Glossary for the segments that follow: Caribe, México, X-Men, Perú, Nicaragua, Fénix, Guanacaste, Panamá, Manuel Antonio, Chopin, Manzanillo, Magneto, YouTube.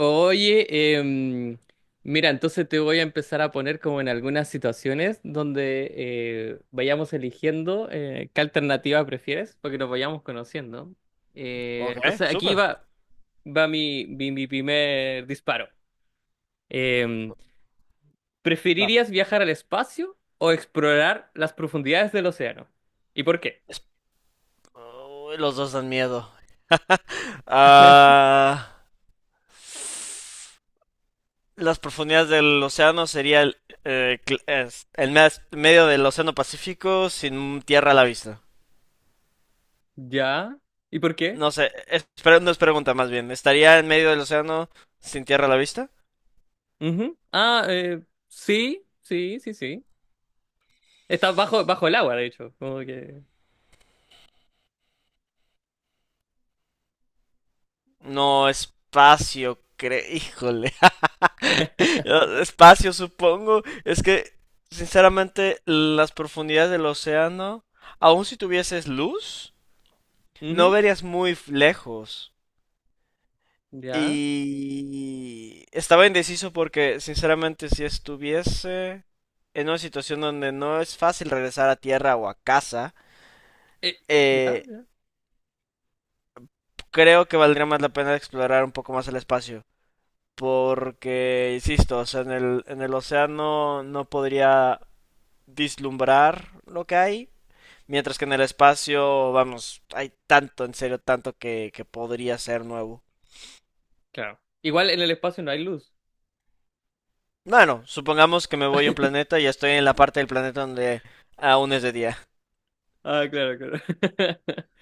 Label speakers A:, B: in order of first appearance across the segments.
A: Oye, mira, entonces te voy a empezar a poner como en algunas situaciones donde vayamos eligiendo qué alternativa prefieres, porque nos vayamos conociendo.
B: Ok,
A: Entonces aquí
B: súper.
A: va, va mi primer disparo. Em,
B: Dale.
A: ¿Preferirías viajar al espacio o explorar las profundidades del océano? ¿Y por qué?
B: Es- Uy, los dos dan miedo. Ah, las profundidades del océano sería el medio del océano Pacífico sin tierra a la vista.
A: ¿Ya? ¿Y por qué?
B: No sé, es, pero no es pregunta más bien. ¿Estaría en medio del océano sin tierra a la vista?
A: Ujú. Sí, sí, sí, sí. Está bajo el agua, de hecho. Como que.
B: No, espacio, cre... Híjole. No, espacio, supongo. Es que, sinceramente, las profundidades del océano, aun si tuvieses luz, no
A: Ujú.
B: verías muy lejos.
A: Ya.
B: Y estaba indeciso porque, sinceramente, si estuviese en una situación donde no es fácil regresar a tierra o a casa,
A: Eh, ya,
B: eh,
A: ya.
B: creo que valdría más la pena explorar un poco más el espacio. Porque, insisto, o sea, en el océano no podría vislumbrar lo que hay. Mientras que en el espacio, vamos, hay tanto, en serio, tanto que podría ser nuevo.
A: Claro. Igual en el espacio no hay luz.
B: Bueno, supongamos que me voy a un planeta y estoy en la parte del planeta donde aún es de día.
A: Ah, claro, claro.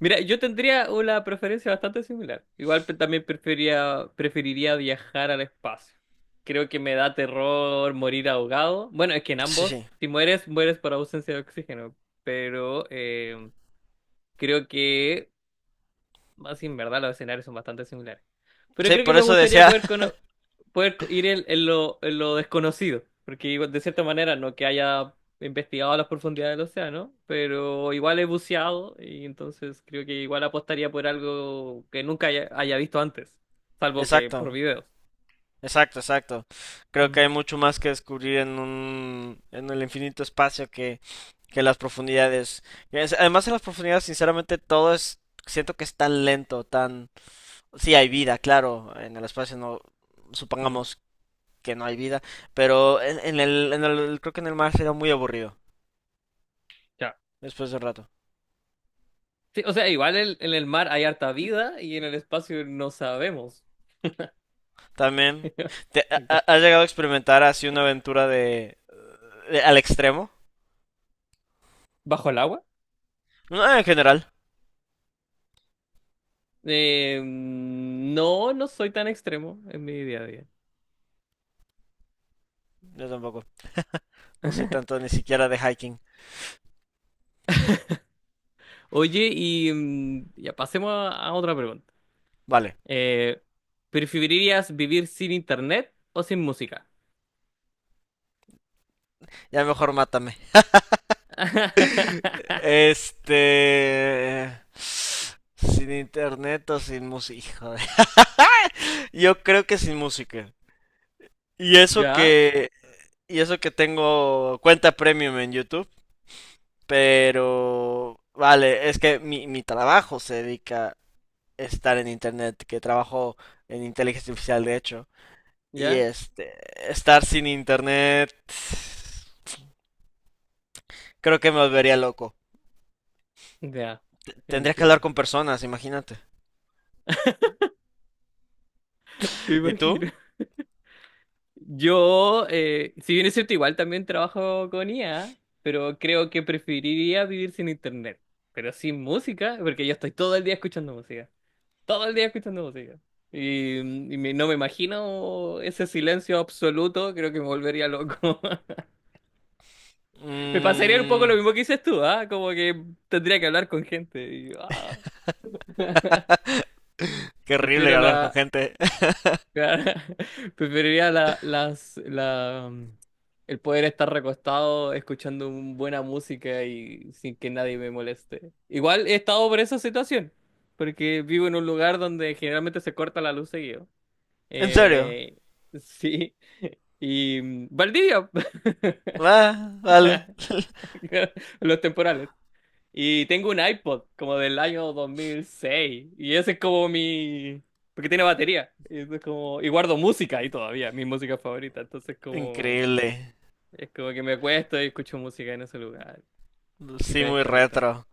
A: Mira, yo tendría una preferencia bastante similar. Igual también preferiría viajar al espacio. Creo que me da terror morir ahogado. Bueno, es que en
B: Sí,
A: ambos,
B: sí.
A: si mueres, mueres por ausencia de oxígeno. Pero creo que así en verdad los escenarios son bastante similares. Pero
B: Sí,
A: creo que
B: por
A: me
B: eso
A: gustaría
B: decía.
A: poder, cono- poder co- ir en en lo desconocido, porque igual, de cierta manera no que haya investigado a las profundidades del océano, pero igual he buceado y entonces creo que igual apostaría por algo que nunca haya visto antes, salvo que por
B: Exacto,
A: videos.
B: exacto, exacto. Creo que
A: Mm,
B: hay mucho más que descubrir en el infinito espacio que las profundidades. Además, en las profundidades, sinceramente, todo es. Siento que es tan lento, tan. Sí, hay vida, claro. En el espacio no.
A: mm,
B: Supongamos que no hay vida. Pero en el, en el. Creo que en el mar será muy aburrido.
A: ya.
B: Después de un rato.
A: Sí, o sea, igual el en el mar hay harta vida y en el espacio no sabemos.
B: También. ¿Has llegado a experimentar así una aventura de, al extremo?
A: ¿Bajo el agua?
B: No, en general.
A: No, no soy tan extremo en mi día a día.
B: Yo tampoco. No soy tanto ni siquiera de hiking.
A: Oye, y ya pasemos a otra pregunta.
B: Vale,
A: Eh, ¿Preferirías vivir sin internet o sin música?
B: ya mejor mátame. Sin internet o sin música. Hijo de- Yo creo que sin música. Y eso
A: ¿Ya?
B: que... Y eso que tengo cuenta premium en YouTube. Pero... Vale, es que mi trabajo se dedica estar en internet, que trabajo en inteligencia artificial de hecho, y
A: ¿Ya?
B: este, estar sin internet, creo que me volvería loco.
A: Ya,
B: Tendría que hablar
A: entiendo.
B: con personas, imagínate.
A: Me
B: ¿Y tú?
A: imagino. Yo, si bien es cierto, igual también trabajo con IA, pero creo que preferiría vivir sin internet, pero sin música, porque yo estoy todo el día escuchando música. Todo el día escuchando música. Y, y no me imagino ese silencio absoluto, creo que me volvería loco. Me pasaría un poco
B: Mm,
A: lo mismo que dices tú, ¿ah? Como que tendría que hablar con gente. Y, ah.
B: qué horrible
A: Prefiero
B: hablar con
A: la...
B: gente.
A: Preferiría la, las, la, mm, el poder estar recostado escuchando buena música y sin que nadie me moleste. Igual he estado por esa situación, porque vivo en un lugar donde generalmente se corta la luz seguido.
B: ¿En serio?
A: Eh, sí. Y Valdivia,
B: Va, vale.
A: los temporales. Y tengo un iPod como del año 2006. Y ese es como mi... Porque tiene batería. Y, eso es como... y guardo música ahí todavía, mi música favorita. Entonces como...
B: Increíble.
A: Es como que me acuesto y escucho música en ese lugar. Y
B: Sí,
A: me
B: muy
A: desconecto.
B: retro.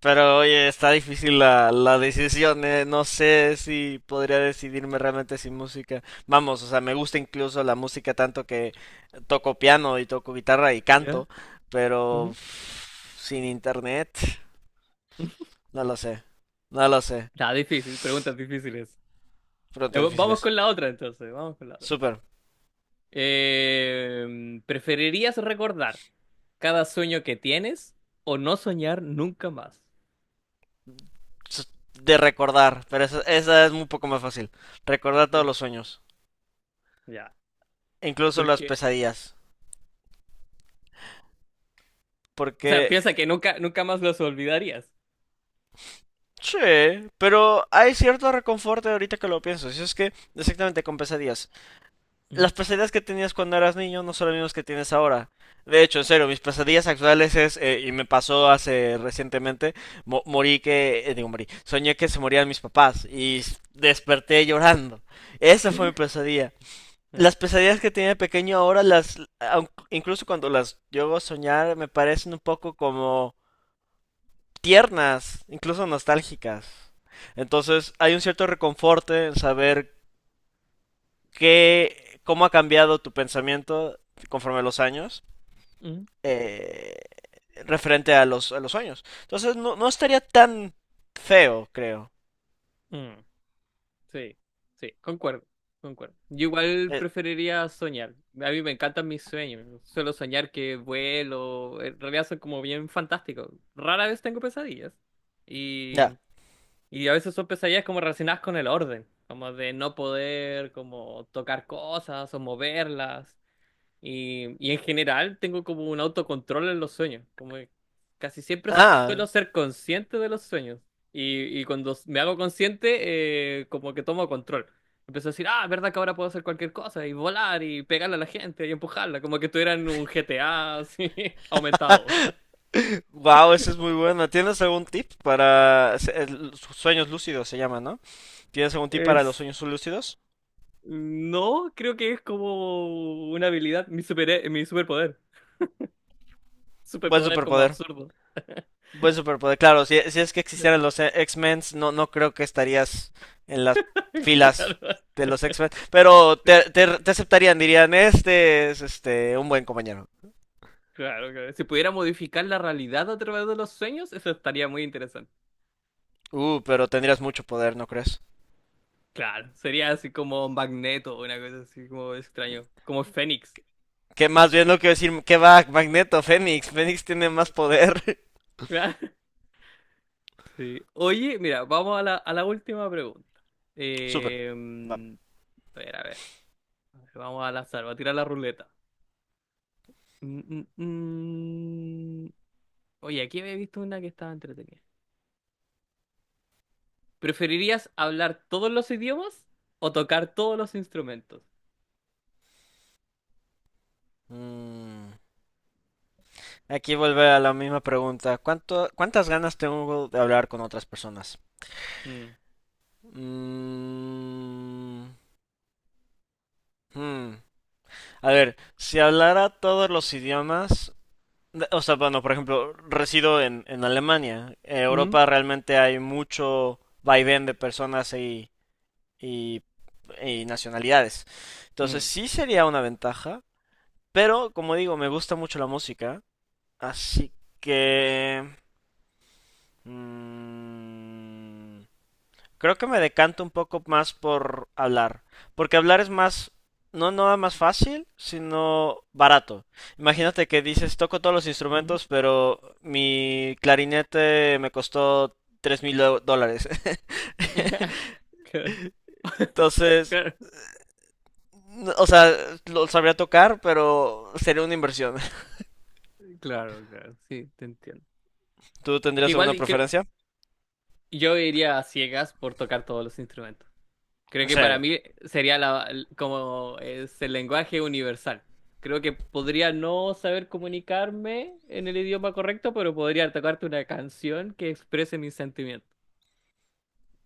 B: Pero oye, está difícil la decisión, eh. No sé si podría decidirme realmente sin música. Vamos, o sea, me gusta incluso la música tanto que toco piano y toco guitarra y
A: ¿Ya?
B: canto, pero
A: Ujú.
B: uf, sin internet, no lo sé, no lo sé.
A: Nada, difícil, preguntas difíciles.
B: Preguntas
A: Vamos
B: difíciles.
A: con la otra entonces, vamos con la otra.
B: Súper.
A: ¿Preferirías recordar cada sueño que tienes o no soñar nunca más?
B: S- De recordar, pero esa es un poco más fácil. Recordar todos
A: Ya.
B: los sueños,
A: Ya.
B: incluso
A: ¿Por
B: las
A: qué?
B: pesadillas,
A: O
B: porque
A: sea, piensa que nunca, nunca más los olvidarías.
B: sí, pero hay cierto reconforte ahorita que lo pienso. Si es que, exactamente, con pesadillas.
A: Mm,
B: Las pesadillas que tenías cuando eras niño no son las mismas que tienes ahora. De hecho, en serio, mis pesadillas actuales es, y me pasó hace recientemente, morí que, digo, morí, soñé que se morían mis papás y desperté llorando. Esa fue mi pesadilla.
A: mm,
B: Las pesadillas que tenía de pequeño ahora, incluso cuando las llego a soñar, me parecen un poco como tiernas, incluso nostálgicas. Entonces hay un cierto reconforte en saber qué, cómo ha cambiado tu pensamiento conforme a los años,
A: mm,
B: eh, referente a a los sueños. Entonces no, no estaría tan feo, creo.
A: mm. Sí, sí, concuerdo, concuerdo. Yo igual
B: Eh,
A: preferiría soñar. A mí me encantan mis sueños. Suelo soñar que vuelo. En realidad son como bien fantásticos. Rara vez tengo pesadillas. Y
B: ya.
A: Y a veces son pesadillas como relacionadas con el orden, como de no poder como tocar cosas o moverlas. Y en general tengo como un autocontrol en los sueños, como que casi siempre
B: Ah.
A: suelo ser consciente de los sueños. Y cuando me hago consciente, como que tomo control. Empiezo a decir, ah, verdad que ahora puedo hacer cualquier cosa y volar y pegarle a la gente y empujarla, como que estuviera en un GTA así aumentado.
B: Wow, esa es muy buena. ¿Tienes algún tip para sueños lúcidos se llama, ¿no? ¿Tienes algún tip para los
A: Es
B: sueños lúcidos?
A: No, creo que es como una habilidad, mi superpoder.
B: Buen
A: Superpoder como
B: superpoder.
A: absurdo.
B: Buen superpoder, claro, si, si es que existieran los X-Men, no, no creo que estarías en las filas
A: Claro.
B: de los X-Men, pero te, te aceptarían, dirían, este es este un buen compañero.
A: Claro, claro. Si pudiera modificar la realidad a través de los sueños, eso estaría muy interesante.
B: Pero tendrías mucho poder, ¿no crees?
A: Claro, sería así como Magneto, una cosa así como extraño, como Fénix.
B: Que más bien lo que decir, que va, Magneto, Fénix, Fénix tiene más poder.
A: Claro. Sí. Oye, mira, vamos a la última pregunta.
B: Super,
A: Eh,
B: va.
A: mm, a ver, a ver. Vamos al azar, voy a tirar la ruleta. Mm, mm, mm. Oye, aquí había visto una que estaba entretenida. ¿Preferirías hablar todos los idiomas o tocar todos los instrumentos?
B: Mm, Aquí vuelve a la misma pregunta, ¿cuánto, cuántas ganas tengo de hablar con otras personas?
A: Mm,
B: Mm, hmm. A ver, si hablara todos los idiomas, o sea, bueno, por ejemplo, resido en Alemania. En
A: Mm,
B: Europa realmente hay mucho vaivén de personas y, y nacionalidades. Entonces
A: mm,
B: sí sería una ventaja, pero como digo, me gusta mucho la música, así que... mm, creo que me decanto un poco más por hablar, porque hablar es más, no nada más fácil, sino barato. Imagínate que dices, toco todos los
A: mm.
B: instrumentos, pero mi clarinete me costó $3.000.
A: Claro,
B: Entonces,
A: claro,
B: o sea, lo sabría tocar, pero sería una inversión.
A: claro, claro, sí, te entiendo.
B: ¿Tú
A: Porque
B: tendrías
A: igual
B: alguna
A: y
B: preferencia?
A: yo iría a ciegas por tocar todos los instrumentos. Creo
B: En
A: que para
B: serio.
A: mí sería como es el lenguaje universal. Creo que podría no saber comunicarme en el idioma correcto, pero podría tocarte una canción que exprese mis sentimientos.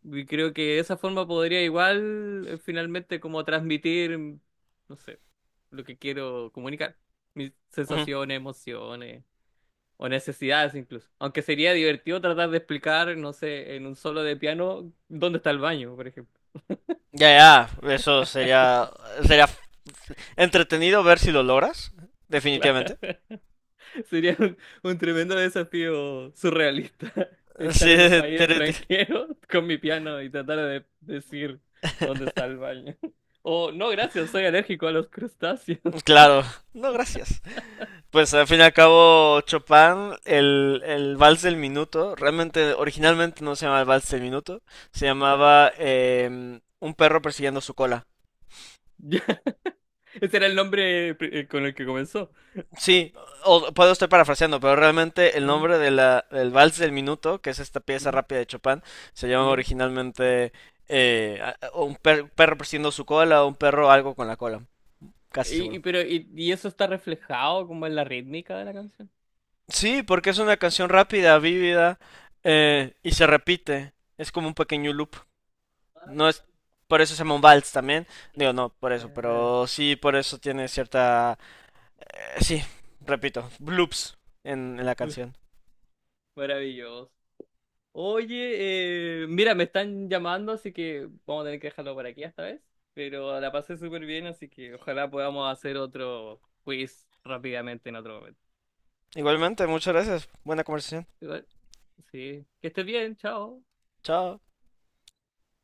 A: Y creo que de esa forma podría igual finalmente como transmitir, no sé, lo que quiero comunicar, mis
B: Ujú.
A: sensaciones, emociones o necesidades incluso. Aunque sería divertido tratar de explicar, no sé, en un solo de piano dónde está el baño, por ejemplo.
B: Ya, ya, eso sería, sería entretenido ver si lo logras, definitivamente.
A: Sería un tremendo desafío surrealista estar
B: Sí,
A: en un país
B: te- te-
A: extranjero con mi piano y tratar de decir dónde está el baño. O no, gracias, soy alérgico a los crustáceos.
B: claro, no, gracias. Pues al fin y al cabo, Chopin, el vals del minuto, realmente originalmente no se llamaba el vals del minuto, se llamaba em, un perro persiguiendo su cola.
A: Ya. Ese era el nombre con el que comenzó.
B: Sí, o, puedo estar parafraseando, pero realmente el
A: Mm,
B: nombre de del vals del minuto, que es esta pieza
A: mm,
B: rápida de Chopin, se llama
A: Ya.
B: originalmente un perro persiguiendo su cola o un perro algo con la cola, casi seguro.
A: Pero y eso está reflejado como en la rítmica de la canción.
B: Sí, porque es una canción rápida, vívida, y se repite. Es como un pequeño loop.
A: Ah,
B: No es, por eso se llama un vals también. Digo, no, por eso,
A: Claro.
B: pero sí, por eso tiene cierta... sí, repito, loops en la
A: Uf,
B: canción.
A: maravilloso. Oye, mira, me están llamando, así que vamos a tener que dejarlo por aquí esta vez. Pero la pasé súper bien, así que ojalá podamos hacer otro quiz rápidamente en otro momento.
B: Igualmente, muchas gracias. Buena conversación.
A: Igual, sí, que estés bien, chao.
B: Chao.